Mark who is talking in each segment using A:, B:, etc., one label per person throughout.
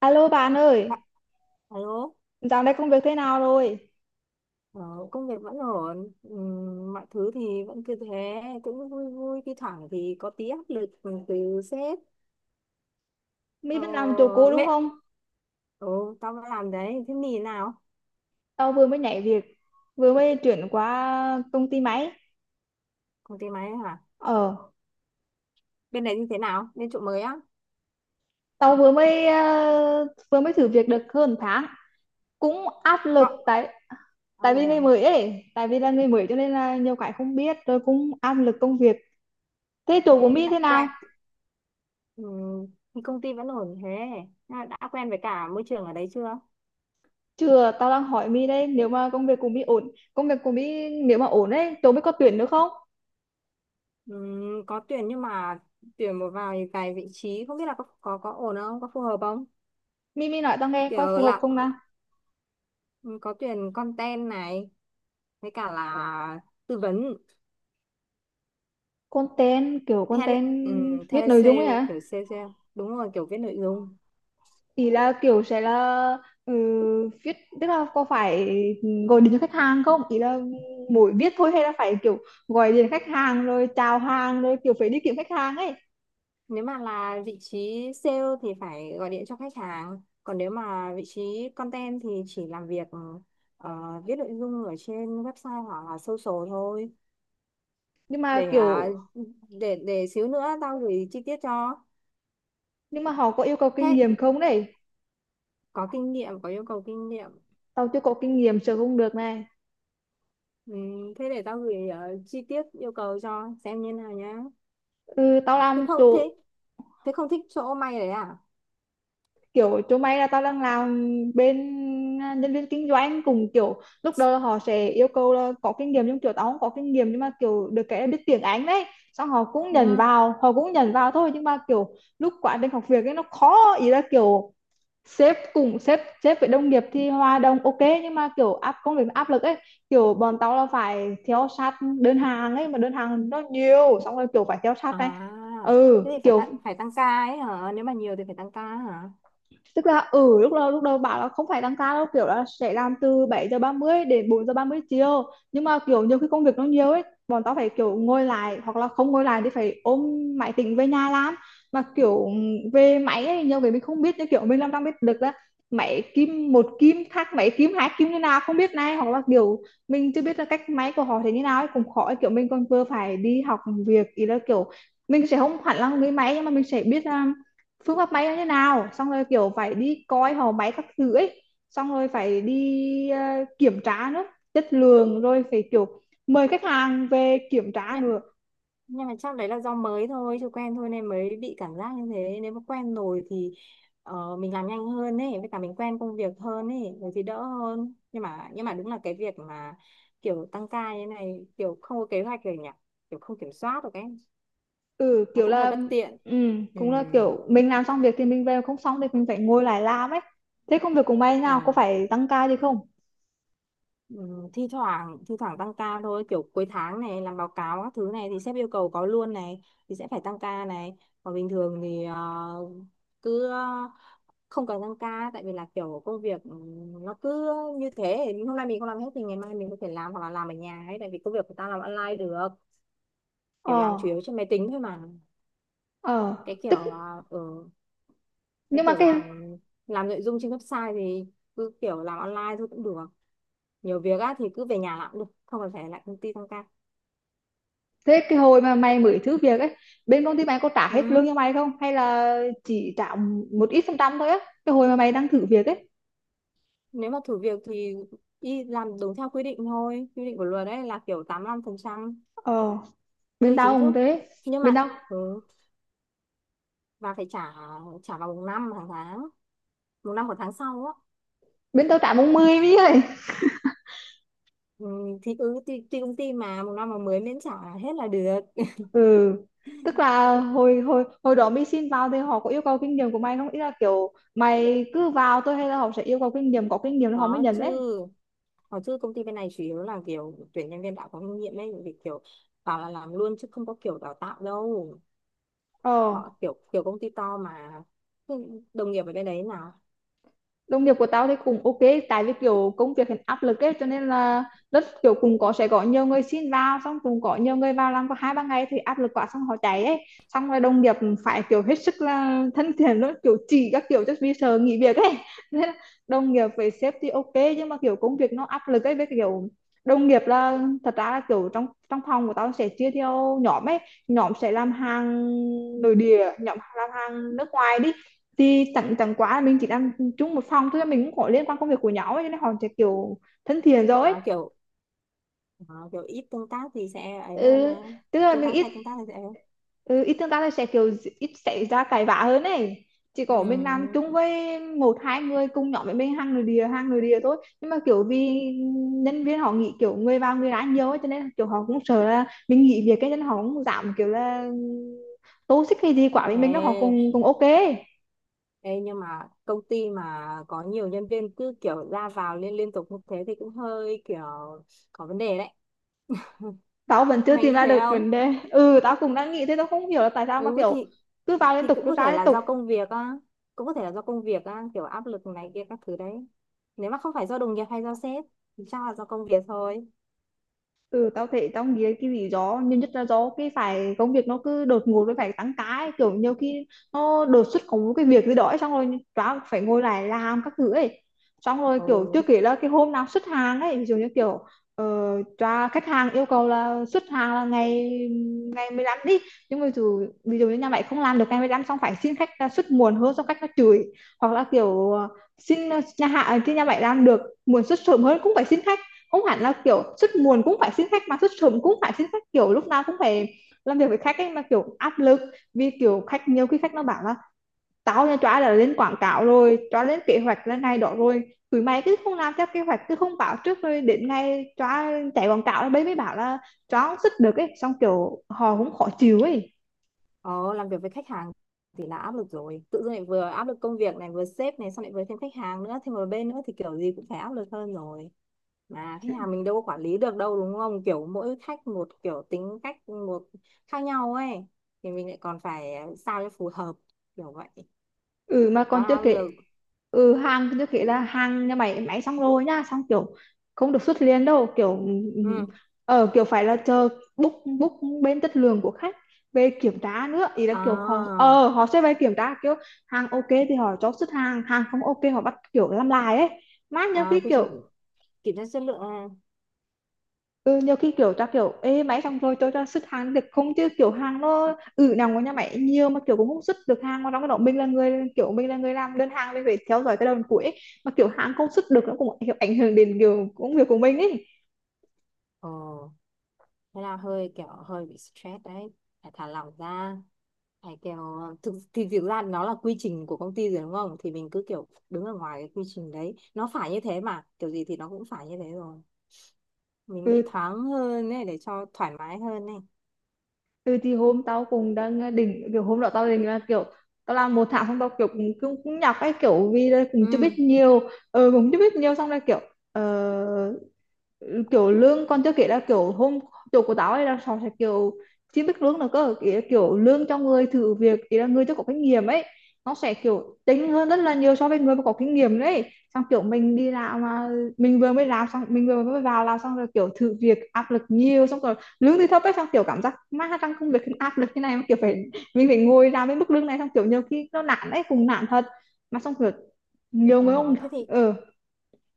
A: Alo bạn ơi,
B: Alo,
A: dạo này công việc thế nào rồi?
B: ờ, công việc vẫn ổn. Mọi thứ thì vẫn cứ thế, cũng vui vui, thi thoảng thì có tí áp lực từ sếp.
A: My
B: Ờ,
A: vẫn làm chỗ cũ đúng
B: mẹ,
A: không?
B: ừ, tao vẫn làm đấy, thế mì nào?
A: Tao vừa mới nhảy việc, vừa mới chuyển qua công ty máy.
B: Công ty máy hả?
A: Ờ,
B: Bên đấy như thế nào? Bên chỗ mới á?
A: tao vừa mới vừa mới thử việc được hơn tháng. Cũng áp
B: Cọ,
A: lực tại
B: tao
A: tại vì
B: được hả?
A: người mới ấy, tại vì là người mới cho nên là nhiều cái không biết, rồi cũng áp lực công việc. Thế
B: Thế
A: chỗ của My
B: đã
A: thế
B: quen,
A: nào?
B: Ừm, thì công ty vẫn ổn thế. À, đã quen với cả môi trường ở đấy chưa?
A: Chưa, tao đang hỏi Mi đây, nếu mà công việc của Mi ổn, công việc của Mi nếu mà ổn ấy, chỗ My có tuyển nữa không?
B: Có tuyển nhưng mà tuyển một vài vài vị trí, không biết là có ổn không, có phù hợp không?
A: Mi Mi nói tao nghe coi
B: Kiểu
A: phù hợp
B: làm
A: không nào?
B: Ừ, có tuyển content này, với cả là tư vấn
A: Content, kiểu
B: tele
A: content viết
B: tele
A: nội dung
B: sale,
A: ấy hả?
B: kiểu sale sale đúng rồi, kiểu viết nội dung.
A: Thì là kiểu sẽ là, ừ, viết, tức là có phải gọi điện cho khách hàng không, ý là mỗi viết thôi hay là phải kiểu gọi điện khách hàng rồi chào hàng rồi kiểu phải đi kiếm khách hàng ấy?
B: Nếu mà là vị trí sale thì phải gọi điện cho khách hàng, còn nếu mà vị trí content thì chỉ làm việc, ờ, viết nội dung ở trên website hoặc là social thôi.
A: Nhưng mà
B: để à,
A: kiểu,
B: để để xíu nữa tao gửi chi tiết cho.
A: nhưng mà họ có yêu cầu kinh
B: Thế
A: nghiệm không đấy?
B: có yêu cầu kinh nghiệm.
A: Tao chưa có kinh nghiệm, sợ không được này.
B: Ừ, thế để tao gửi chi tiết yêu cầu cho xem như nào nhá.
A: Ừ, tao
B: thế
A: làm
B: không thế
A: chỗ
B: Thế không thích chỗ may đấy à?
A: kiểu chỗ mày là tao đang làm bên, nhân viên kinh doanh, cùng kiểu lúc đầu là họ sẽ yêu cầu là có kinh nghiệm, nhưng kiểu tao không có kinh nghiệm nhưng mà kiểu được cái là biết tiếng Anh đấy, xong họ cũng nhận
B: Ừ.
A: vào, họ cũng nhận vào thôi, nhưng mà kiểu lúc quá trình học việc ấy nó khó, ý là kiểu sếp cùng sếp sếp với đồng nghiệp thì hòa đồng ok, nhưng mà kiểu áp công việc nó áp lực ấy, kiểu bọn tao là phải theo sát đơn hàng ấy, mà đơn hàng nó nhiều xong rồi kiểu phải theo sát này.
B: À.
A: Ừ
B: Thế thì
A: kiểu,
B: phải tăng ca ấy hả? Nếu mà nhiều thì phải tăng ca hả?
A: tức là, ừ, lúc đầu bảo là không phải tăng ca đâu, kiểu là sẽ làm từ 7 giờ 30 đến 4 giờ 30 chiều, nhưng mà kiểu nhiều khi công việc nó nhiều ấy, bọn tao phải kiểu ngồi lại hoặc là không ngồi lại thì phải ôm máy tính về nhà làm. Mà kiểu về máy ấy, nhiều cái mình không biết, như kiểu mình làm trong biết được là máy kim một kim khác máy kim hai kim như nào không biết này, hoặc là kiểu mình chưa biết là cách máy của họ thế như nào ấy cũng khó ấy. Kiểu mình còn vừa phải đi học việc, ý là kiểu mình sẽ không hẳn là người máy nhưng mà mình sẽ biết phương pháp may nó như nào, xong rồi kiểu phải đi coi họ máy các thứ ấy, xong rồi phải đi, kiểm tra nữa, chất lượng, rồi phải kiểu mời khách hàng về kiểm tra
B: Nhá-
A: nữa.
B: nhưng mà chắc đấy là do mới thôi, chưa quen thôi nên mới bị cảm giác như thế. Nếu mà quen rồi thì mình làm nhanh hơn ấy, với cả mình quen công việc hơn ấy rồi thì đỡ hơn. Nhưng mà đúng là cái việc mà kiểu tăng ca như thế này, kiểu không có kế hoạch rồi nhỉ, kiểu không kiểm soát được ấy,
A: Ừ
B: nó
A: kiểu
B: cũng hơi
A: là,
B: bất tiện.
A: ừ,
B: Ừ.
A: cũng là kiểu mình làm xong việc thì mình về, không xong thì mình phải ngồi lại làm ấy. Thế công việc của mày
B: Ờ.
A: nào có phải tăng ca gì không?
B: Ừ, thi thoảng tăng ca thôi, kiểu cuối tháng này làm báo cáo các thứ này thì sếp yêu cầu có luôn này, thì sẽ phải tăng ca này. Còn bình thường thì cứ ờ, không cần tăng ca, tại vì là kiểu công việc nó cứ như thế, hôm nay mình không làm hết thì ngày mai mình có thể làm, hoặc là làm ở nhà ấy, tại vì công việc của ta làm online được. Kiểu làm chủ
A: Ờ.
B: yếu trên máy tính thôi mà.
A: Ờ.
B: cái kiểu
A: tức
B: ờ, ừ, cái
A: nhưng mà
B: kiểu
A: cái,
B: làm nội dung trên website thì cứ kiểu làm online thôi cũng được. Nhiều việc á thì cứ về nhà làm cũng được, không cần phải lại công ty tăng ca.
A: thế cái hồi mà mày mới thử việc ấy, bên công ty mày có trả hết lương
B: Ừ.
A: cho mày không hay là chỉ trả một ít phần trăm thôi á, cái hồi mà mày đang thử việc ấy?
B: Nếu mà thử việc thì đi làm đúng theo quy định thôi. Quy định của luật đấy là kiểu 85%
A: Ờ, bên
B: lương chính
A: tao cũng
B: thức.
A: thế.
B: Nhưng
A: bên
B: mà
A: tao
B: ừ, và phải trả trả vào một năm hàng tháng, một năm của tháng sau á.
A: Bên tao trả 40 mấy ơi.
B: Ừ, thì tùy công ty mà một năm mà mới miễn trả hết là được.
A: Ừ, tức là hồi hồi hồi đó mày xin vào thì họ có yêu cầu kinh nghiệm của mày không, ý là kiểu mày cứ vào thôi hay là họ sẽ yêu cầu kinh nghiệm, có kinh nghiệm thì họ mới
B: Có
A: nhận
B: chứ.
A: đấy?
B: Có chứ, công ty bên này chủ yếu là kiểu tuyển nhân viên đã có kinh nghiệm ấy, vì kiểu bảo là làm luôn chứ không có kiểu đào tạo đâu.
A: Ờ,
B: Họ kiểu kiểu công ty to mà. Đồng nghiệp ở bên đấy là
A: đồng nghiệp của tao thì cũng ok, tại vì kiểu công việc hiện áp lực ấy, cho nên là rất kiểu cùng có sẽ có nhiều người xin vào, xong cùng có nhiều người vào làm có hai ba ngày thì áp lực quá xong họ chạy ấy, xong rồi đồng nghiệp phải kiểu hết sức là thân thiện luôn, kiểu chỉ các kiểu cho vì sợ nghỉ việc ấy nên là đồng nghiệp với sếp thì ok, nhưng mà kiểu công việc nó áp lực ấy, với kiểu đồng nghiệp là, thật ra là kiểu trong trong phòng của tao sẽ chia theo nhóm ấy, nhóm sẽ làm hàng nội địa, nhóm làm hàng nước ngoài đi, thì tặng tặng quá là mình chỉ đang chung một phòng thôi, mình cũng có liên quan công việc của nhau ấy cho nên họ sẽ kiểu thân thiện rồi ấy.
B: à, kiểu Ờ, kiểu ít tương tác thì sẽ ấy hơn
A: Ừ,
B: ha.
A: tức là
B: Tương
A: mình
B: tác
A: ít,
B: hay tương tác thì sẽ.
A: ừ, ít tương tác thì sẽ kiểu ít xảy ra cãi vã hơn ấy, chỉ
B: Ừ.
A: có mình làm chung với một hai người cùng nhóm với mình, hàng người địa thôi nhưng mà kiểu vì nhân viên họ nghĩ kiểu người vào người ra nhiều ấy, cho nên kiểu họ cũng sợ là mình nghỉ việc cái nên họ cũng giảm kiểu là tô xích hay gì quả với mình đó, họ
B: Ê,
A: cũng, cũng ok.
B: ê, nhưng mà công ty mà có nhiều nhân viên cứ kiểu ra vào liên liên tục như thế thì cũng hơi kiểu có vấn đề đấy.
A: Tao vẫn chưa
B: Mày
A: tìm
B: nghĩ
A: ra
B: thế
A: được
B: không?
A: vấn đề, ừ tao cũng đang nghĩ thế, tao không hiểu là tại sao mà
B: Ừ, thì
A: kiểu cứ vào liên
B: thì
A: tục
B: cũng
A: cứ
B: có
A: ra
B: thể
A: liên
B: là
A: tục.
B: do công việc á, cũng có thể là do công việc á, kiểu áp lực này kia các thứ đấy. Nếu mà không phải do đồng nghiệp hay do sếp thì chắc là do công việc thôi.
A: Ừ tao thấy tao nghĩ cái lý do nhiều nhất là do cái phải công việc nó cứ đột ngột với phải tăng ca ấy. Kiểu nhiều khi nó đột xuất có một cái việc gì đó ấy, xong rồi tao phải ngồi lại làm các thứ ấy, xong rồi kiểu chưa
B: Ừ.
A: kể là cái hôm nào xuất hàng ấy, ví dụ như kiểu khách hàng yêu cầu là xuất hàng là ngày ngày 15 đi, nhưng mà ví dụ, như nhà mày không làm được ngày 15 xong phải xin khách ra xuất muộn hơn, xong khách nó chửi. Hoặc là kiểu, xin, nhà hạ thì nhà mày làm được muộn, xuất sớm hơn cũng phải xin khách, không hẳn là kiểu xuất muộn cũng phải xin khách mà xuất sớm cũng phải xin khách, kiểu lúc nào cũng phải làm việc với khách ấy, mà kiểu áp lực. Vì kiểu khách nhiều khi khách nó bảo là tao nha chóa đã lên quảng cáo rồi, chóa lên kế hoạch lên này đó rồi, tụi mày cứ không làm theo kế hoạch, cứ không bảo trước rồi đến ngày chóa chạy quảng cáo đấy mới bảo là chóa không sức được ấy, xong kiểu họ cũng khó chịu ấy.
B: Ồ, làm việc với khách hàng thì là áp lực rồi. Tự dưng lại vừa áp lực công việc này, vừa sếp này, xong lại vừa thêm khách hàng nữa, thêm một bên nữa thì kiểu gì cũng phải áp lực hơn rồi. Mà khách hàng mình đâu có quản lý được đâu đúng không? Kiểu mỗi khách một kiểu, tính cách một khác nhau ấy. Thì mình lại còn phải sao cho phù hợp, kiểu vậy.
A: Ừ mà
B: Quá
A: còn
B: là
A: chưa
B: áp
A: kể,
B: lực.
A: ừ hàng chưa kể là hàng nhà máy máy xong rồi nhá, xong kiểu không được xuất liền đâu kiểu, ừ, ừ.
B: Ừ.
A: Ờ kiểu phải là chờ book book bên chất lượng của khách về kiểm tra nữa, ý là kiểu họ
B: À,
A: ờ họ sẽ về kiểm tra kiểu hàng ok thì họ cho xuất hàng, hàng không ok họ bắt kiểu làm lại ấy, mát nhá
B: à,
A: cái
B: quy
A: kiểu.
B: trình kiểm tra chất lượng. À.
A: Ừ, nhiều khi kiểu ta kiểu ê máy xong rồi tôi cho xuất hàng được không, chứ kiểu hàng nó ừ nằm của nhà máy nhiều mà kiểu cũng không xuất được hàng, mà trong cái đó mình là người kiểu mình là người làm đơn hàng, mình phải theo dõi cái đầu cuối ấy. Mà kiểu hàng không xuất được nó cũng kiểu ảnh hưởng đến kiểu công việc của mình ấy.
B: Ồ, thế là hơi kiểu hơi bị stress đấy. Phải thả lỏng ra. Phải kiểu, thực ra nó là quy trình của công ty rồi đúng không, thì mình cứ kiểu đứng ở ngoài cái quy trình đấy, nó phải như thế, mà kiểu gì thì nó cũng phải như thế rồi. Mình nghĩ
A: Ừ,
B: thoáng hơn này, để cho thoải mái hơn này.
A: ừ thì hôm tao cũng đang, định kiểu hôm đó tao định là kiểu tao làm một tháng xong tao kiểu cũng nhọc ấy, kiểu vì là cũng chưa biết
B: Ừ.
A: nhiều. Ừ, cũng chưa biết nhiều xong rồi kiểu, ờ, ừ, kiểu lương còn chưa kể là kiểu hôm chỗ của tao ấy là họ sẽ kiểu chưa biết lương là cơ, ý là kiểu lương cho người thử việc, ý là người chưa có kinh nghiệm ấy, nó sẽ kiểu tính hơn rất là nhiều so với người mà có kinh nghiệm đấy. Xong kiểu mình đi làm mà mình vừa mới làm xong mình vừa mới vào làm xong rồi kiểu thử việc áp lực nhiều xong rồi lương thì thấp ấy, xong kiểu cảm giác má trong công việc áp lực như này mà kiểu phải mình phải ngồi làm với mức lương này, xong kiểu nhiều khi nó nản ấy, cùng nản thật. Mà xong kiểu nhiều
B: Ờ,
A: người không.
B: thế thì
A: Ờ,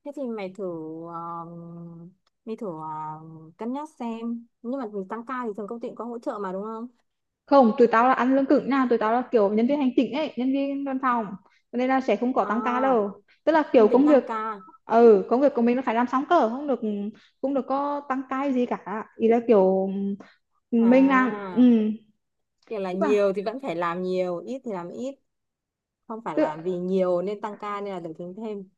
B: thế thì um, mày thử cân nhắc xem. Nhưng mà tăng ca thì thường công ty cũng có hỗ trợ mà đúng không?
A: không, tụi tao là ăn lương cứng nha, tụi tao là kiểu nhân viên hành chính ấy, nhân viên văn phòng. Cho nên là sẽ không có tăng ca
B: À,
A: đâu, tức là kiểu
B: không tính
A: công
B: tăng
A: việc,
B: ca.
A: ừ công việc của mình nó phải làm xong cơ, không được cũng được có tăng ca gì cả, ý là kiểu, ừ, mình làm, ừ,
B: À, kiểu là
A: tức là,
B: nhiều thì vẫn phải làm nhiều, ít thì làm ít, không phải
A: tức
B: là vì nhiều nên tăng ca nên là được tính thêm.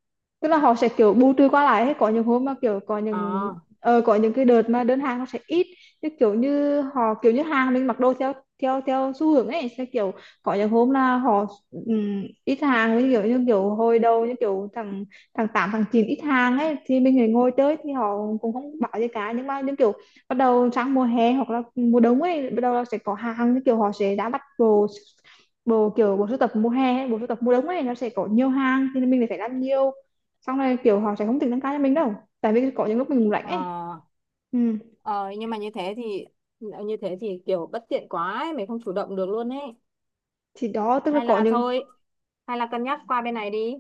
A: tức là họ sẽ kiểu bù trừ qua lại, hay có những hôm mà kiểu có những,
B: À.
A: có những cái đợt mà đơn hàng nó sẽ ít, như kiểu như họ kiểu như hàng mình mặc đồ theo theo theo xu hướng ấy, sẽ kiểu có những hôm là họ ít hàng, với kiểu như kiểu hồi đầu như kiểu thằng thằng tám thằng chín ít hàng ấy thì mình lại ngồi chơi thì họ cũng không bảo gì cả, nhưng mà những kiểu bắt đầu sang mùa hè hoặc là mùa đông ấy bắt đầu là sẽ có hàng, như kiểu họ sẽ đã bắt đồ bộ, kiểu bộ sưu tập mùa hè hay bộ sưu tập mùa đông ấy nó sẽ có nhiều hàng thì mình lại phải làm nhiều, xong rồi kiểu họ sẽ không tính tăng ca cho mình đâu, tại vì có những lúc mình lạnh
B: Ờ,
A: ấy. Ừ.
B: ờ, nhưng mà như thế thì kiểu bất tiện quá ấy, mình không chủ động được luôn ấy.
A: Thì đó tức là
B: Hay
A: có
B: là
A: những,
B: thôi, Hay là cân nhắc qua bên này đi.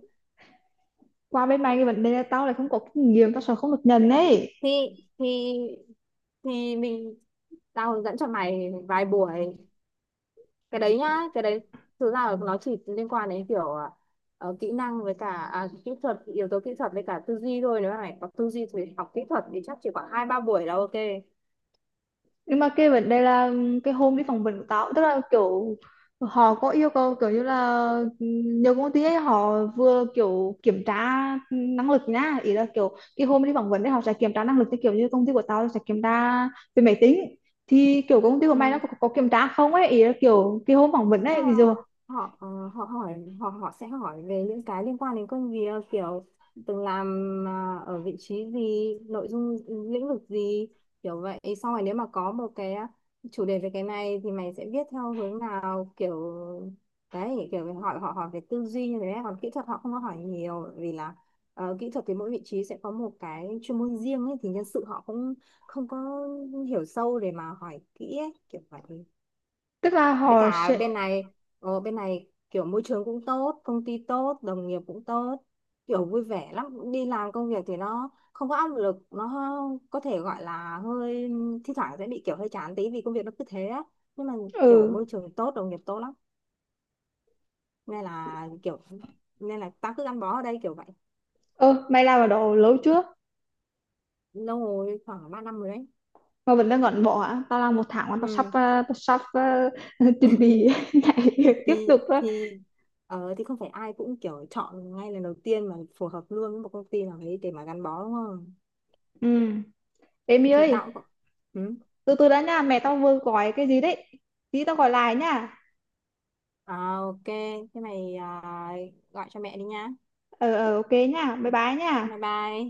A: qua bên mày cái vấn đề là tao lại không có kinh nghiệm, tao sợ không được nhận ấy.
B: Thì thì thì tao hướng dẫn cho mày vài buổi. Cái đấy nhá, cái đấy thực ra là nó chỉ liên quan đến kiểu kỹ năng, với cả yếu tố kỹ thuật với cả tư duy thôi. Nếu mà mày có tư duy thì học kỹ thuật thì chắc chỉ khoảng 2-3 buổi là ok.
A: Nhưng mà cái vấn đề là cái hôm đi phỏng vấn của tao, tức là kiểu họ có yêu cầu kiểu như là, ừ, nhiều công ty ấy họ vừa kiểu kiểm tra năng lực nhá, ý là kiểu cái hôm đi phỏng vấn đấy họ sẽ kiểm tra năng lực, như kiểu như công ty của tao sẽ kiểm tra về máy tính, thì kiểu công ty của mày nó
B: Ừ.
A: có kiểm tra không ấy, ý là kiểu cái hôm phỏng vấn
B: Tức
A: ấy
B: là
A: ví dụ,
B: họ ờ, họ hỏi họ họ sẽ hỏi về những cái liên quan đến công việc, kiểu từng làm ở vị trí gì, nội dung lĩnh vực gì, kiểu vậy. Xong rồi nếu mà có một cái chủ đề về cái này thì mày sẽ viết theo hướng nào, kiểu đấy. Kiểu họ hỏi về tư duy như thế. Còn kỹ thuật họ không có hỏi nhiều, vì là kỹ thuật thì mỗi vị trí sẽ có một cái chuyên môn riêng ấy, thì nhân sự họ cũng không có hiểu sâu để mà hỏi kỹ ấy, kiểu vậy.
A: tức là
B: Với
A: họ
B: cả
A: sẽ,
B: bên này, kiểu môi trường cũng tốt, công ty tốt, đồng nghiệp cũng tốt, kiểu vui vẻ lắm, đi làm công việc thì nó không có áp lực. Nó có thể gọi là thi thoảng sẽ bị kiểu hơi chán tí, vì công việc nó cứ thế á. Nhưng mà kiểu
A: ừ.
B: môi trường tốt, đồng nghiệp tốt lắm, nên là kiểu nên là tao cứ gắn bó ở đây, kiểu vậy.
A: Ơ mày làm ở đó lâu chưa
B: Lâu rồi, khoảng 3 năm rồi đấy.
A: mà vẫn đang ngẩn bỏ hả? Tao làm một tháng mà tao sắp,
B: Ừ.
A: tao sắp, chuẩn bị nhảy việc tiếp
B: thì
A: tục rồi.
B: thì thì không phải ai cũng kiểu chọn ngay lần đầu tiên mà phù hợp luôn với một công ty nào đấy để mà gắn bó đúng không.
A: Ừ, em
B: Thì
A: ơi,
B: tao cũng. Ừ.
A: từ từ đã nha, mẹ tao vừa gọi cái gì đấy, tí tao gọi lại nha.
B: À, ok. Thế mày, à, gọi cho mẹ đi nha.
A: Ờ ờ ok nha, bye bye
B: Bye
A: nha.
B: bye.